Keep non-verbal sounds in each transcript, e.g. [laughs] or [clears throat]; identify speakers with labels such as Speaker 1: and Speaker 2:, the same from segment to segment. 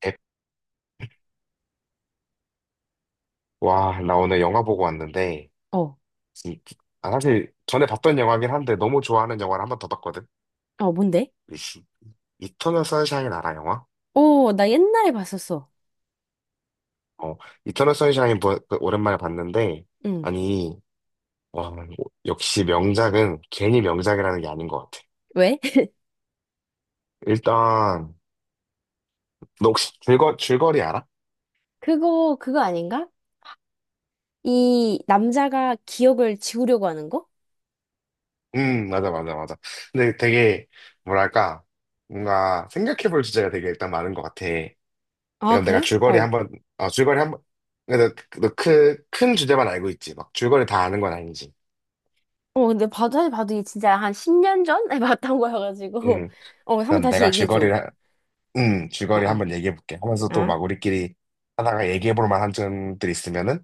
Speaker 1: 백- 와, 나 오늘 영화 보고 왔는데,
Speaker 2: 어,
Speaker 1: 이- 사실 전에 봤던 영화긴 한데 너무 좋아하는 영화를 한번 더 봤거든.
Speaker 2: 어, 뭔데?
Speaker 1: 이- 이터널 선샤인 알아, 영화?
Speaker 2: 오, 나 옛날에 봤었어.
Speaker 1: 어, 이터널 선샤인 그 오랜만에 봤는데,
Speaker 2: 응.
Speaker 1: 아니, 와, 역시 명작은 괜히 명작이라는 게 아닌 것 같아.
Speaker 2: 왜? [laughs]
Speaker 1: 일단, 너 혹시 줄거리 알아?
Speaker 2: 그거, 그거 아닌가? 이 남자가 기억을 지우려고 하는 거?
Speaker 1: 맞아, 맞아, 맞아. 근데 되게, 뭐랄까, 뭔가 생각해볼 주제가 되게 일단 많은 것 같아.
Speaker 2: 아,
Speaker 1: 그럼 내가
Speaker 2: 그래?
Speaker 1: 줄거리
Speaker 2: 어.
Speaker 1: 한번, 줄거리 한번, 근데 너 그, 큰 주제만 알고 있지. 막 줄거리 다 아는 건 아니지.
Speaker 2: 어, 근데 봐도, 사실 봐도 이게 진짜 한 10년 전에 [laughs] 봤던 거여가지고.
Speaker 1: 응.
Speaker 2: 어, 한번
Speaker 1: 그럼
Speaker 2: 다시
Speaker 1: 내가
Speaker 2: 얘기해줘.
Speaker 1: 줄거리를, 응,
Speaker 2: 어,
Speaker 1: 줄거리
Speaker 2: 어.
Speaker 1: 한번 얘기해볼게. 하면서 또
Speaker 2: 아,
Speaker 1: 막 우리끼리 하다가 얘기해볼 만한 점들이 있으면은,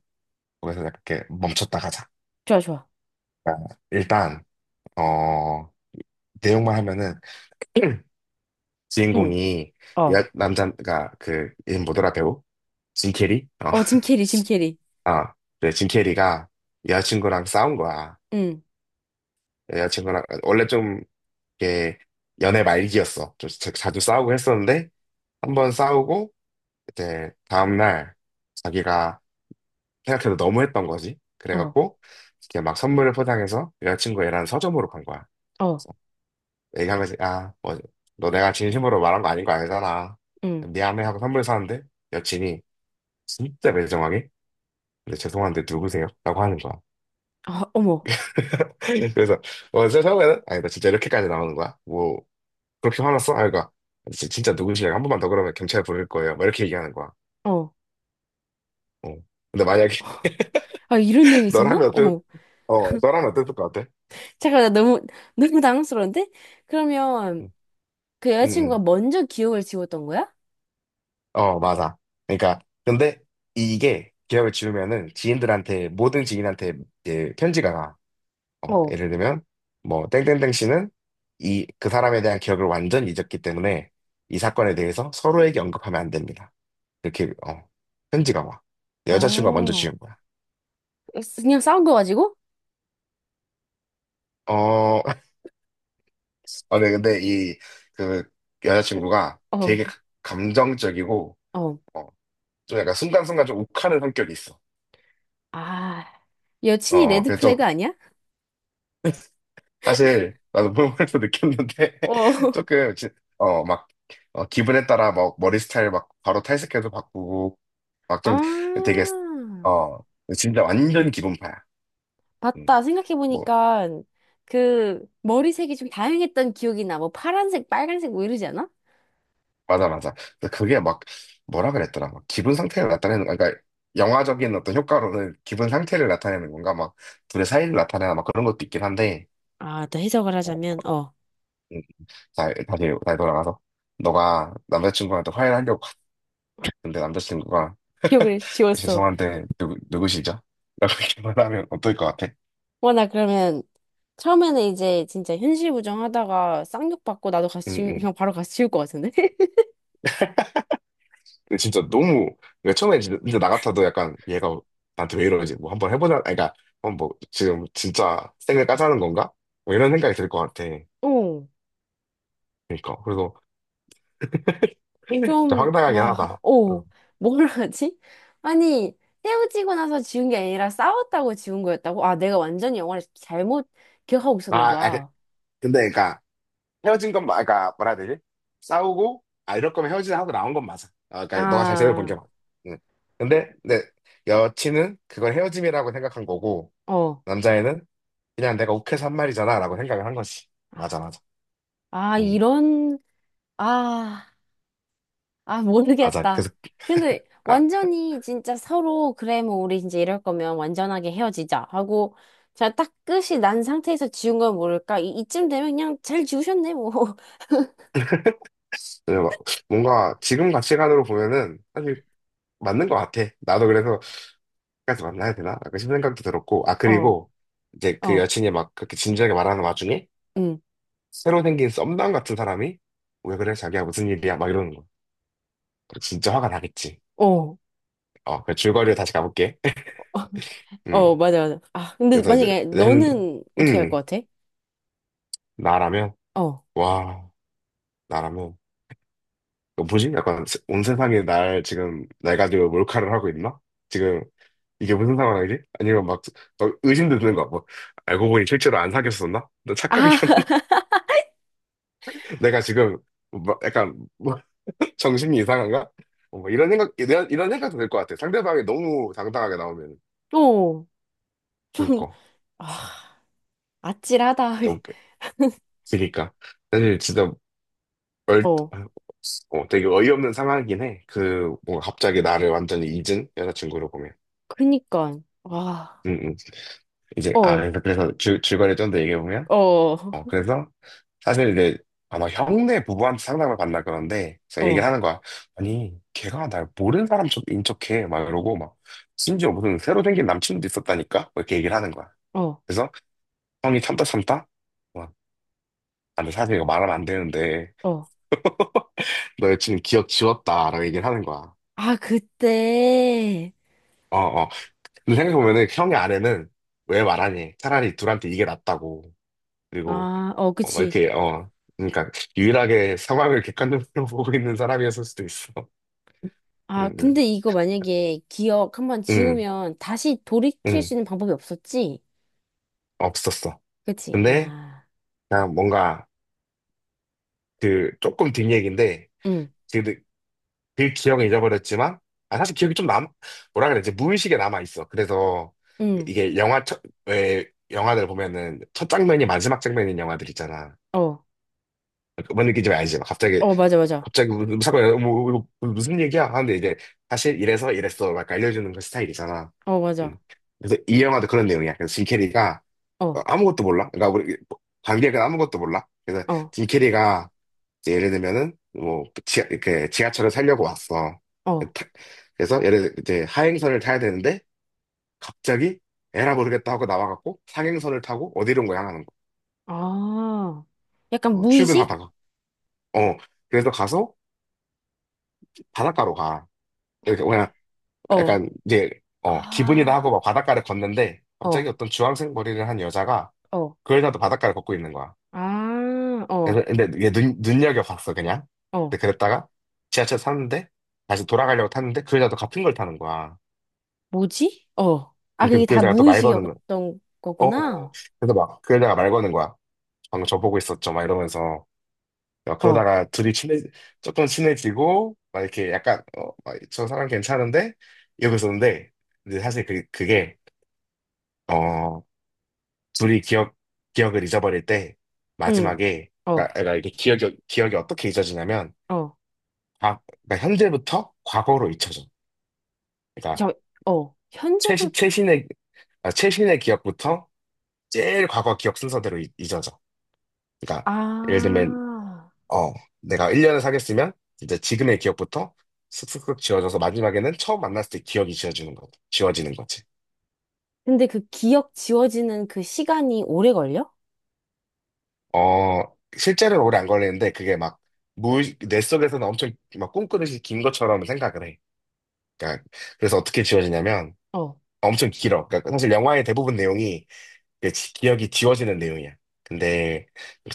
Speaker 1: 거기서 약간 이렇게 멈췄다 가자.
Speaker 2: 좋아, 좋아.
Speaker 1: 그러니까 일단, 어, 내용만 하면은, [clears throat]
Speaker 2: 응,
Speaker 1: 주인공이, 여,
Speaker 2: 어.
Speaker 1: 남자, 가 그, 이 뭐더라, 배우? 짐 캐리? 어.
Speaker 2: 어, 짐 캐리, 짐 캐리.
Speaker 1: [laughs] 아, 네, 짐 캐리가 여자친구랑 싸운 거야.
Speaker 2: 응,
Speaker 1: 여자친구랑, 원래 좀 이게 연애 말기였어. 좀 자주 싸우고 했었는데 한번 싸우고 이제 다음날 자기가 생각해도 너무했던 거지.
Speaker 2: 어,
Speaker 1: 그래갖고 이렇게 막 선물을 포장해서 여자친구애랑 서점으로 간 거야.
Speaker 2: 어,
Speaker 1: 그래서 얘기한 거지. 아, 뭐, 너 내가 진심으로 말한 거 아닌 거 알잖아.
Speaker 2: 응.
Speaker 1: 미안해 하고 선물 사는데 여친이 진짜 매정하게 근데 죄송한데 누구세요? 라고 하는 거야.
Speaker 2: 아, 어머,
Speaker 1: [laughs] 그래서 어, 그래서 처음에는 아니 나 진짜 이렇게까지 나오는 거야? 뭐 그렇게 화났어? 아, 그러니까 진짜 누구시냐? 한 번만 더 그러면 경찰 부를 거예요. 막 이렇게 얘기하는 거야.
Speaker 2: 어.
Speaker 1: 어. 근데 만약에
Speaker 2: 아, 이런 내용이
Speaker 1: [laughs]
Speaker 2: 있었나?
Speaker 1: 너라면 어땠,
Speaker 2: 어머.
Speaker 1: 어, 너라면 어땠을 것 같아?
Speaker 2: 잠깐, 나 너무, 너무 당황스러운데? 그러면,
Speaker 1: 응,
Speaker 2: 그
Speaker 1: 응,
Speaker 2: 여자친구가
Speaker 1: 응.
Speaker 2: 먼저 기억을 지웠던 거야?
Speaker 1: 어, 맞아. 그러니까 근데 이게 기억을 지우면은 지인들한테 모든 지인한테 이제 편지가 가. 어,
Speaker 2: 어,
Speaker 1: 예를 들면 뭐 땡땡땡 씨는 이 그 사람에 대한 기억을 완전히 잊었기 때문에 이 사건에 대해서 서로에게 언급하면 안 됩니다. 이렇게 어, 편지가 와. 여자친구가 먼저
Speaker 2: 어,
Speaker 1: 지운 거야.
Speaker 2: 그냥 싸운 거 가지고?
Speaker 1: 어, 아, 네, 근데 이, 그, 여자친구가
Speaker 2: 어,
Speaker 1: 되게 감정적이고,
Speaker 2: 어.
Speaker 1: 어, 좀 약간 순간순간 좀 욱하는 성격이 있어.
Speaker 2: 아, 여친이
Speaker 1: 어,
Speaker 2: 레드
Speaker 1: 그래서 좀,
Speaker 2: 플래그 아니야?
Speaker 1: 사실, 나도 보면서 [laughs] 느꼈는데,
Speaker 2: 어.
Speaker 1: [laughs]
Speaker 2: [laughs]
Speaker 1: 조금, 지- 어, 막, 어, 기분에 따라 막 머리 스타일 막 바로 탈색해도 바꾸고, 막
Speaker 2: 아,
Speaker 1: 좀 되게, 어, 진짜 완전 기분파야. 음,
Speaker 2: 맞다.
Speaker 1: 뭐,
Speaker 2: 생각해보니까 그 머리색이 좀 다양했던 기억이 나. 뭐 파란색, 빨간색 뭐 이러지 않아?
Speaker 1: 맞아, 맞아. 근데 그게 막, 뭐라 그랬더라. 막 기분 상태를 나타내는, 그러니까 영화적인 어떤 효과로는 기분 상태를 나타내는 건가? 막 둘의 사이를 나타내나 막 그런 것도 있긴 한데,
Speaker 2: 아, 또 해석을
Speaker 1: 어,
Speaker 2: 하자면, 어,
Speaker 1: 음, 다시 돌아가서. 너가 남자친구한테 화해를 하려고 갔는데 남자친구가
Speaker 2: 기억을 지웠어.
Speaker 1: 죄송한데 누구시죠? [laughs] 라고 이렇게 말하면 어떨 것 같아?
Speaker 2: 와, 나 그러면 처음에는 이제 진짜 현실 부정하다가 쌍욕 받고 나도
Speaker 1: 응,
Speaker 2: 같이,
Speaker 1: 응.
Speaker 2: 그냥 바로 같이 지울 것 같은데? [laughs]
Speaker 1: 근데 진짜 너무, 그러니까 처음에 진짜 나 같아도 약간 얘가 나한테 왜 이러지? 뭐 한번 해보자. 아니, 그러니까, 어, 뭐, 지금 진짜 생을 까자는 건가? 뭐 이런 생각이 들 것 같아.
Speaker 2: 어.
Speaker 1: 그러니까 그래서 [laughs] 진짜
Speaker 2: 좀,
Speaker 1: 황당하긴
Speaker 2: 와,
Speaker 1: 하다.
Speaker 2: 어,
Speaker 1: 응.
Speaker 2: 뭘 하지? 아니, 헤어지고 나서 지운 게 아니라 싸웠다고 지운 거였다고? 아, 내가 완전히 영화를 잘못 기억하고 있었나
Speaker 1: 아, 아,
Speaker 2: 봐.
Speaker 1: 근데 그러니까 헤어진 건 그러니까 뭐라 해야 되지? 싸우고 아 이럴 거면 헤어지자 하고 나온 건 맞아. 아, 그러니까 너가 잘 생각해
Speaker 2: 아,
Speaker 1: 본게 맞아. 응. 근데 내 여친은 그걸 헤어짐이라고 생각한 거고
Speaker 2: 어.
Speaker 1: 남자애는 그냥 내가 욱해서 한 말이잖아라고 생각을 한 거지. 맞아, 맞아.
Speaker 2: 아,
Speaker 1: 응,
Speaker 2: 이런, 아, 아,
Speaker 1: 맞아.
Speaker 2: 모르겠다.
Speaker 1: 그래서
Speaker 2: 근데
Speaker 1: 아,
Speaker 2: 완전히 진짜 서로, 그래, 뭐, 우리 이제 이럴 거면 완전하게 헤어지자 하고, 제가 딱 끝이 난 상태에서 지운 건 모를까? 이, 이쯤 되면 그냥 잘 지우셨네, 뭐. [laughs]
Speaker 1: 그래서 막 뭔가 지금 가치관으로 보면은 사실 맞는 것 같아. 나도 그래서 까지 만나야 되나? 약간 싶은 생각도 들었고, 아,
Speaker 2: 어,
Speaker 1: 그리고 이제 그
Speaker 2: 어,
Speaker 1: 여친이 막 그렇게 진지하게 말하는 와중에
Speaker 2: 응,
Speaker 1: 새로 생긴 썸남 같은 사람이 왜 그래? 자기야 무슨 일이야? 막 이러는 거. 진짜 화가 나겠지.
Speaker 2: 어.
Speaker 1: 어, 그 줄거리로 다시 가볼게. [laughs] 음,
Speaker 2: 어, 맞아, 맞아. 아, 근데
Speaker 1: 그래서 이제
Speaker 2: 만약에
Speaker 1: 낸,
Speaker 2: 너는 어떻게 할 것
Speaker 1: 음,
Speaker 2: 같아?
Speaker 1: 나라면
Speaker 2: 어.
Speaker 1: 와, 나라면 너 뭐지? 약간 온 세상이 날 지금 날 가지고 몰카를 하고 있나? 지금 이게 무슨 상황이지? 아니면 막, 어, 의심도 드는 거야. 뭐 알고 보니 실제로 안 사귀었었나? 너
Speaker 2: 아,
Speaker 1: 착각이었나?
Speaker 2: [laughs]
Speaker 1: 내가 지금 뭐 약간 뭐 [laughs] 정신이 이상한가? 어, 뭐 이런 생각 이런 생각도 들 것 같아. 상대방이 너무 당당하게 나오면
Speaker 2: 어, 좀,
Speaker 1: 그니까
Speaker 2: 아, 아찔하다.
Speaker 1: 너무
Speaker 2: [laughs]
Speaker 1: 그니까 사실 진짜 얼
Speaker 2: 어,
Speaker 1: 되게 어이없는 상황이긴 해. 그 뭔가 갑자기 나를 완전히 잊은 여자친구로 보면.
Speaker 2: 그니까. 와,
Speaker 1: 음, 음. 이제 아
Speaker 2: 어,
Speaker 1: 그래서 줄 줄거리 좀 더 얘기해 보면.
Speaker 2: 어, 어,
Speaker 1: 어, 그래서 사실 이제 아마 형네 부부한테 상담을 받나 그런데 제가 얘기를
Speaker 2: 어,
Speaker 1: 하는 거야. 아니, 걔가 날 모르는 사람처럼 인척해. 막 이러고 막 심지어 무슨 새로 생긴 남친도 있었다니까? 뭐 이렇게 얘기를 하는 거야.
Speaker 2: 어.
Speaker 1: 그래서 형이 참다 참다 막, 아, 근데 사실 이거 말하면 안 되는데
Speaker 2: 어.
Speaker 1: 너 여친 기억 지웠다 라고 얘기를 하는 거야.
Speaker 2: 아, 그때.
Speaker 1: 어, 어. 근데 생각해보면은 그 형의 아내는 왜 말하니? 차라리 둘한테 이게 낫다고. 그리고
Speaker 2: 아, 어,
Speaker 1: 어, 막
Speaker 2: 그치.
Speaker 1: 이렇게 어 그러니까 유일하게 상황을 객관적으로 [laughs] 보고 있는 사람이었을 수도 있어.
Speaker 2: 아,
Speaker 1: 응, 응,
Speaker 2: 근데 이거 만약에 기억 한번
Speaker 1: 응,
Speaker 2: 지우면 다시 돌이킬
Speaker 1: 응,
Speaker 2: 수 있는 방법이 없었지?
Speaker 1: 없었어.
Speaker 2: 그치?
Speaker 1: 근데
Speaker 2: 아,
Speaker 1: 그냥 뭔가 그 조금 뒷 얘기인데
Speaker 2: 응,
Speaker 1: 그, 그 기억은 잊어버렸지만 아 사실 기억이 좀 남아 뭐라 그래 이제 무의식에 남아 있어. 그래서
Speaker 2: 응,
Speaker 1: 이게 영화 첫왜 영화들 보면은 첫 장면이 마지막 장면인 영화들 있잖아.
Speaker 2: 어,
Speaker 1: 뭔 느낌인지 알지? 막 갑자기
Speaker 2: 어, 맞아, 맞아.
Speaker 1: 갑자기 무슨 야뭐 이거 무슨 얘기야? 하는데 이제 사실 이래서 이랬어 막 알려주는 그 스타일이잖아.
Speaker 2: 어,
Speaker 1: 음.
Speaker 2: 맞아.
Speaker 1: 그래서 이 영화도 그런 내용이야. 그래서 짐 캐리가 어,
Speaker 2: 어,
Speaker 1: 아무것도 몰라. 그러니까 우리 관객은 아무것도 몰라. 그래서
Speaker 2: 어,
Speaker 1: 짐 캐리가 이제 예를 들면은 뭐 지하, 이렇게 지하철을 타려고 왔어. 그
Speaker 2: 어.
Speaker 1: 타- 그래서 이제 하행선을 타야 되는데 갑자기 에라 모르겠다 하고 나와갖고 상행선을 타고 어디론가 향하는 거.
Speaker 2: 아, 약간
Speaker 1: 어,
Speaker 2: 무의식?
Speaker 1: 출근하다가. 어 그래서 가서 바닷가로 가. 이렇게
Speaker 2: 어,
Speaker 1: 약간 이제 어 기분이다 하고
Speaker 2: 아,
Speaker 1: 막 바닷가를 걷는데 갑자기
Speaker 2: 어,
Speaker 1: 어떤 주황색 머리를 한 여자가
Speaker 2: 어.
Speaker 1: 그 여자도 바닷가를 걷고 있는 거야.
Speaker 2: 아, 어,
Speaker 1: 그래서- 근데 이게 눈여겨봤어 그냥.
Speaker 2: 어.
Speaker 1: 근데 그랬다가 지하철 탔는데 다시 돌아가려고 탔는데 그 여자도 같은 걸 타는 거야.
Speaker 2: 뭐지? 어. 아,
Speaker 1: 그래서
Speaker 2: 그게
Speaker 1: 그
Speaker 2: 다
Speaker 1: 여자가 또 말 거는 거야.
Speaker 2: 무의식이었던
Speaker 1: 어, 어. 어.
Speaker 2: 거구나.
Speaker 1: 그래서 막 그 여자가 말 거는 거야. 방금 저 보고 있었죠 막 이러면서 막
Speaker 2: 어,
Speaker 1: 그러다가 둘이 친해 조금 친해지고 막 이렇게 약간 어, 막저 사람 괜찮은데 이러고 있었는데 근데 사실 그, 그게 어 둘이 기억을 잊어버릴 때,
Speaker 2: 응,
Speaker 1: 마지막에,
Speaker 2: 어,
Speaker 1: 그러니까, 그러니까 이게 기억이 어떻게 잊어지냐면,
Speaker 2: 어.
Speaker 1: 그러니까 현재부터 과거로 잊혀져. 그러니까,
Speaker 2: 저, 어. 현재로,
Speaker 1: 최신의, 아, 최신의 기억부터 제일 과거 기억 순서대로 잊어져. 그러니까, 예를 들면,
Speaker 2: 아.
Speaker 1: 어, 내가 1년을 사귀었으면, 이제 지금의 기억부터 슥슥슥 지워져서 마지막에는 처음 만났을 때 기억이 지워지는 거, 지워지는 거지.
Speaker 2: 근데 그 기억 지워지는 그 시간이 오래 걸려?
Speaker 1: 어, 실제로는 오래 안 걸리는데, 그게 막, 무, 뇌 속에서는 엄청 막 꿈꾸듯이 긴 것처럼 생각을 해. 그러니까 그래서 어떻게 지워지냐면
Speaker 2: 어.
Speaker 1: 엄청 길어. 그러니까 사실 영화의 대부분 내용이 그 기억이 지워지는 내용이야. 근데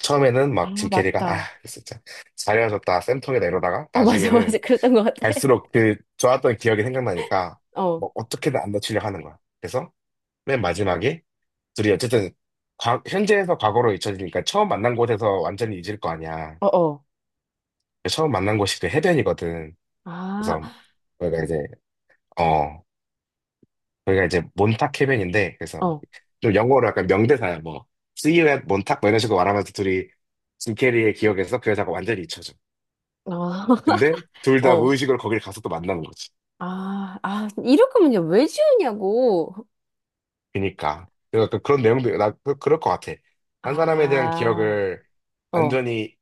Speaker 1: 처음에는
Speaker 2: 아,
Speaker 1: 막 짐 캐리가 아
Speaker 2: 맞다.
Speaker 1: 진짜 잘해줬다 쌤통에다 이러다가
Speaker 2: 어, [laughs] 맞아,
Speaker 1: 나중에는
Speaker 2: 맞아. 그랬던 것 같아.
Speaker 1: 갈수록 그 좋았던 기억이 생각나니까
Speaker 2: 어,
Speaker 1: 뭐 어떻게든 안 놓치려고 하는 거야. 그래서 맨 마지막에 둘이 어쨌든 현재에서 과거로 잊혀지니까 처음 만난 곳에서 완전히 잊을 거 아니야.
Speaker 2: 어, 어.
Speaker 1: 처음 만난 곳이 그 해변이거든.
Speaker 2: 아,
Speaker 1: 그래서 우리가 이제 어 거기가 이제 몬탁 해변인데 그래서
Speaker 2: 어,
Speaker 1: 막좀 영어로 약간 명대사야 뭐 See you at 몬탁 뭐 이런 식으로 말하면서 둘이 짐 캐리의 기억에서 그 여자가 완전히 잊혀져.
Speaker 2: 어, [laughs]
Speaker 1: 근데 둘 다
Speaker 2: 어.
Speaker 1: 무의식으로 거길 가서 또 만나는 거지.
Speaker 2: 아, 아, 이럴 거면 왜 지우냐고.
Speaker 1: 그니까 그래서 약간 그런 내용도 나 그럴 것 같아. 한 사람에 대한
Speaker 2: 아,
Speaker 1: 기억을
Speaker 2: 어,
Speaker 1: 완전히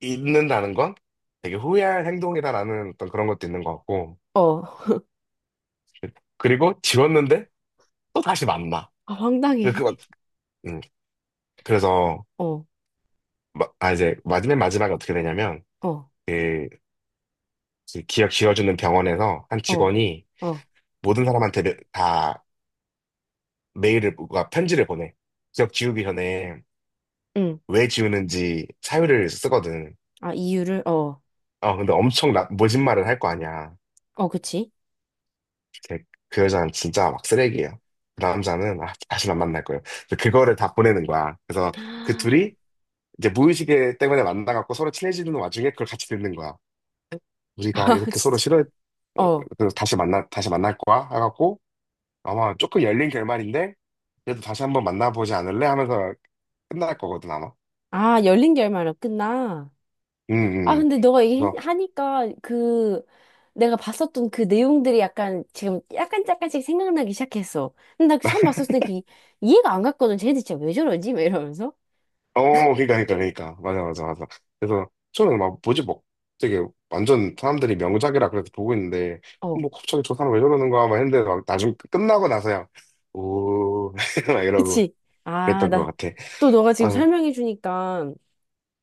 Speaker 1: 잊는다는 건 되게 후회할 행동이다라는 어떤 그런 것도 있는 것 같고
Speaker 2: 어.
Speaker 1: 그리고 지웠는데 또 다시 만나.
Speaker 2: 아, 황당해.
Speaker 1: 그막 음, 그래서
Speaker 2: 어,
Speaker 1: 이제 마지막 마지막에 어떻게 되냐면
Speaker 2: 어,
Speaker 1: 그 그 기억 지워주는 병원에서 한
Speaker 2: 어,
Speaker 1: 직원이
Speaker 2: 어.
Speaker 1: 모든 사람한테 메- 다 메일을, 뭔가 편지를 보내. 기억 지우기 전에
Speaker 2: 응.
Speaker 1: 왜 지우는지 사유를 쓰거든.
Speaker 2: 아, 이유를, 어.
Speaker 1: 어, 근데 엄청 나, 모진말을 할 거 아니야.
Speaker 2: 어, 그치.
Speaker 1: 걔- 그 여자는 진짜 막 쓰레기예요. 그 남자는, 아, 다시 안 만날 거예요. 그래서 그거를 다 보내는 거야. 그래서
Speaker 2: [gasps]
Speaker 1: 그
Speaker 2: 아,
Speaker 1: 둘이 이제 무의식에 때문에 만나갖고 서로 친해지는 와중에 그걸 같이 듣는 거야. 우리가
Speaker 2: [laughs]
Speaker 1: 이렇게 서로
Speaker 2: 진짜.
Speaker 1: 싫어, 어, 어,
Speaker 2: 어.
Speaker 1: 그래서 다시 만나, 다시 만날 거야? 해갖고 아마 조금 열린 결말인데 그래도 다시 한번 만나보지 않을래? 하면서 끝날 거거든 아마.
Speaker 2: 아, 열린 결말로 끝나.
Speaker 1: 음,
Speaker 2: 아,
Speaker 1: 음.
Speaker 2: 근데 너가
Speaker 1: 그래서
Speaker 2: 얘기하니까 그 내가 봤었던 그 내용들이 약간 지금 약간 약간씩 생각나기 시작했어. 근데 나 처음 봤었을 때 그 이해가 안 갔거든. 쟤네들 진짜 왜 저러지? 막 이러면서.
Speaker 1: 어 그러니까 그러니까 맞아 맞아 맞아. 그래서 저는 막 뭐지 뭐 되게 완전 사람들이 명작이라 그래서 보고 있는데 뭐 갑자기 저 사람 왜 저러는 거야 막 했는데 막 나중 끝나고 나서야 오 [laughs] 막 이러고
Speaker 2: 그치? 아,
Speaker 1: 그랬던 것
Speaker 2: 나,
Speaker 1: 같아.
Speaker 2: 또 너가 지금
Speaker 1: 아,
Speaker 2: 설명해 주니까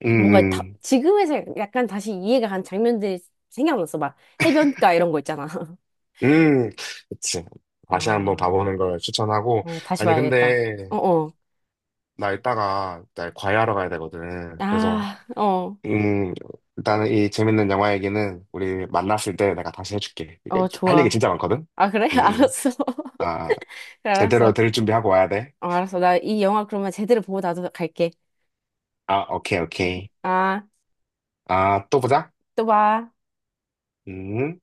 Speaker 1: 음,
Speaker 2: 뭔가 다,
Speaker 1: 음,
Speaker 2: 지금에서 약간 다시 이해가 간 장면들이 생각났어. 막 해변가 이런 거 있잖아. [laughs]
Speaker 1: 음, 그치. 다시 한번
Speaker 2: 아,
Speaker 1: 봐보는 걸 추천하고
Speaker 2: 어, 다시
Speaker 1: 아니
Speaker 2: 봐야겠다.
Speaker 1: 근데
Speaker 2: 어, 어.
Speaker 1: 나 이따가 나 과외하러 가야 되거든. 그래서
Speaker 2: 아, 어,
Speaker 1: 음, 일단은 이 재밌는 영화 얘기는 우리 만났을 때 내가 다시 해줄게. 이게
Speaker 2: 어,
Speaker 1: 할 얘기
Speaker 2: 좋아.
Speaker 1: 진짜 많거든?
Speaker 2: 아, 그래?
Speaker 1: 음,
Speaker 2: [laughs]
Speaker 1: 음.
Speaker 2: 알았어. [laughs]
Speaker 1: 아,
Speaker 2: 그래,
Speaker 1: 제대로
Speaker 2: 알았어.
Speaker 1: 들을 준비하고 와야 돼.
Speaker 2: 어, 알았어. 나 이 영화 그러면 제대로 보고 나도 갈게.
Speaker 1: 아, 오케이, 오케이.
Speaker 2: 아,
Speaker 1: 아, 또 보자.
Speaker 2: 또 봐.
Speaker 1: 음.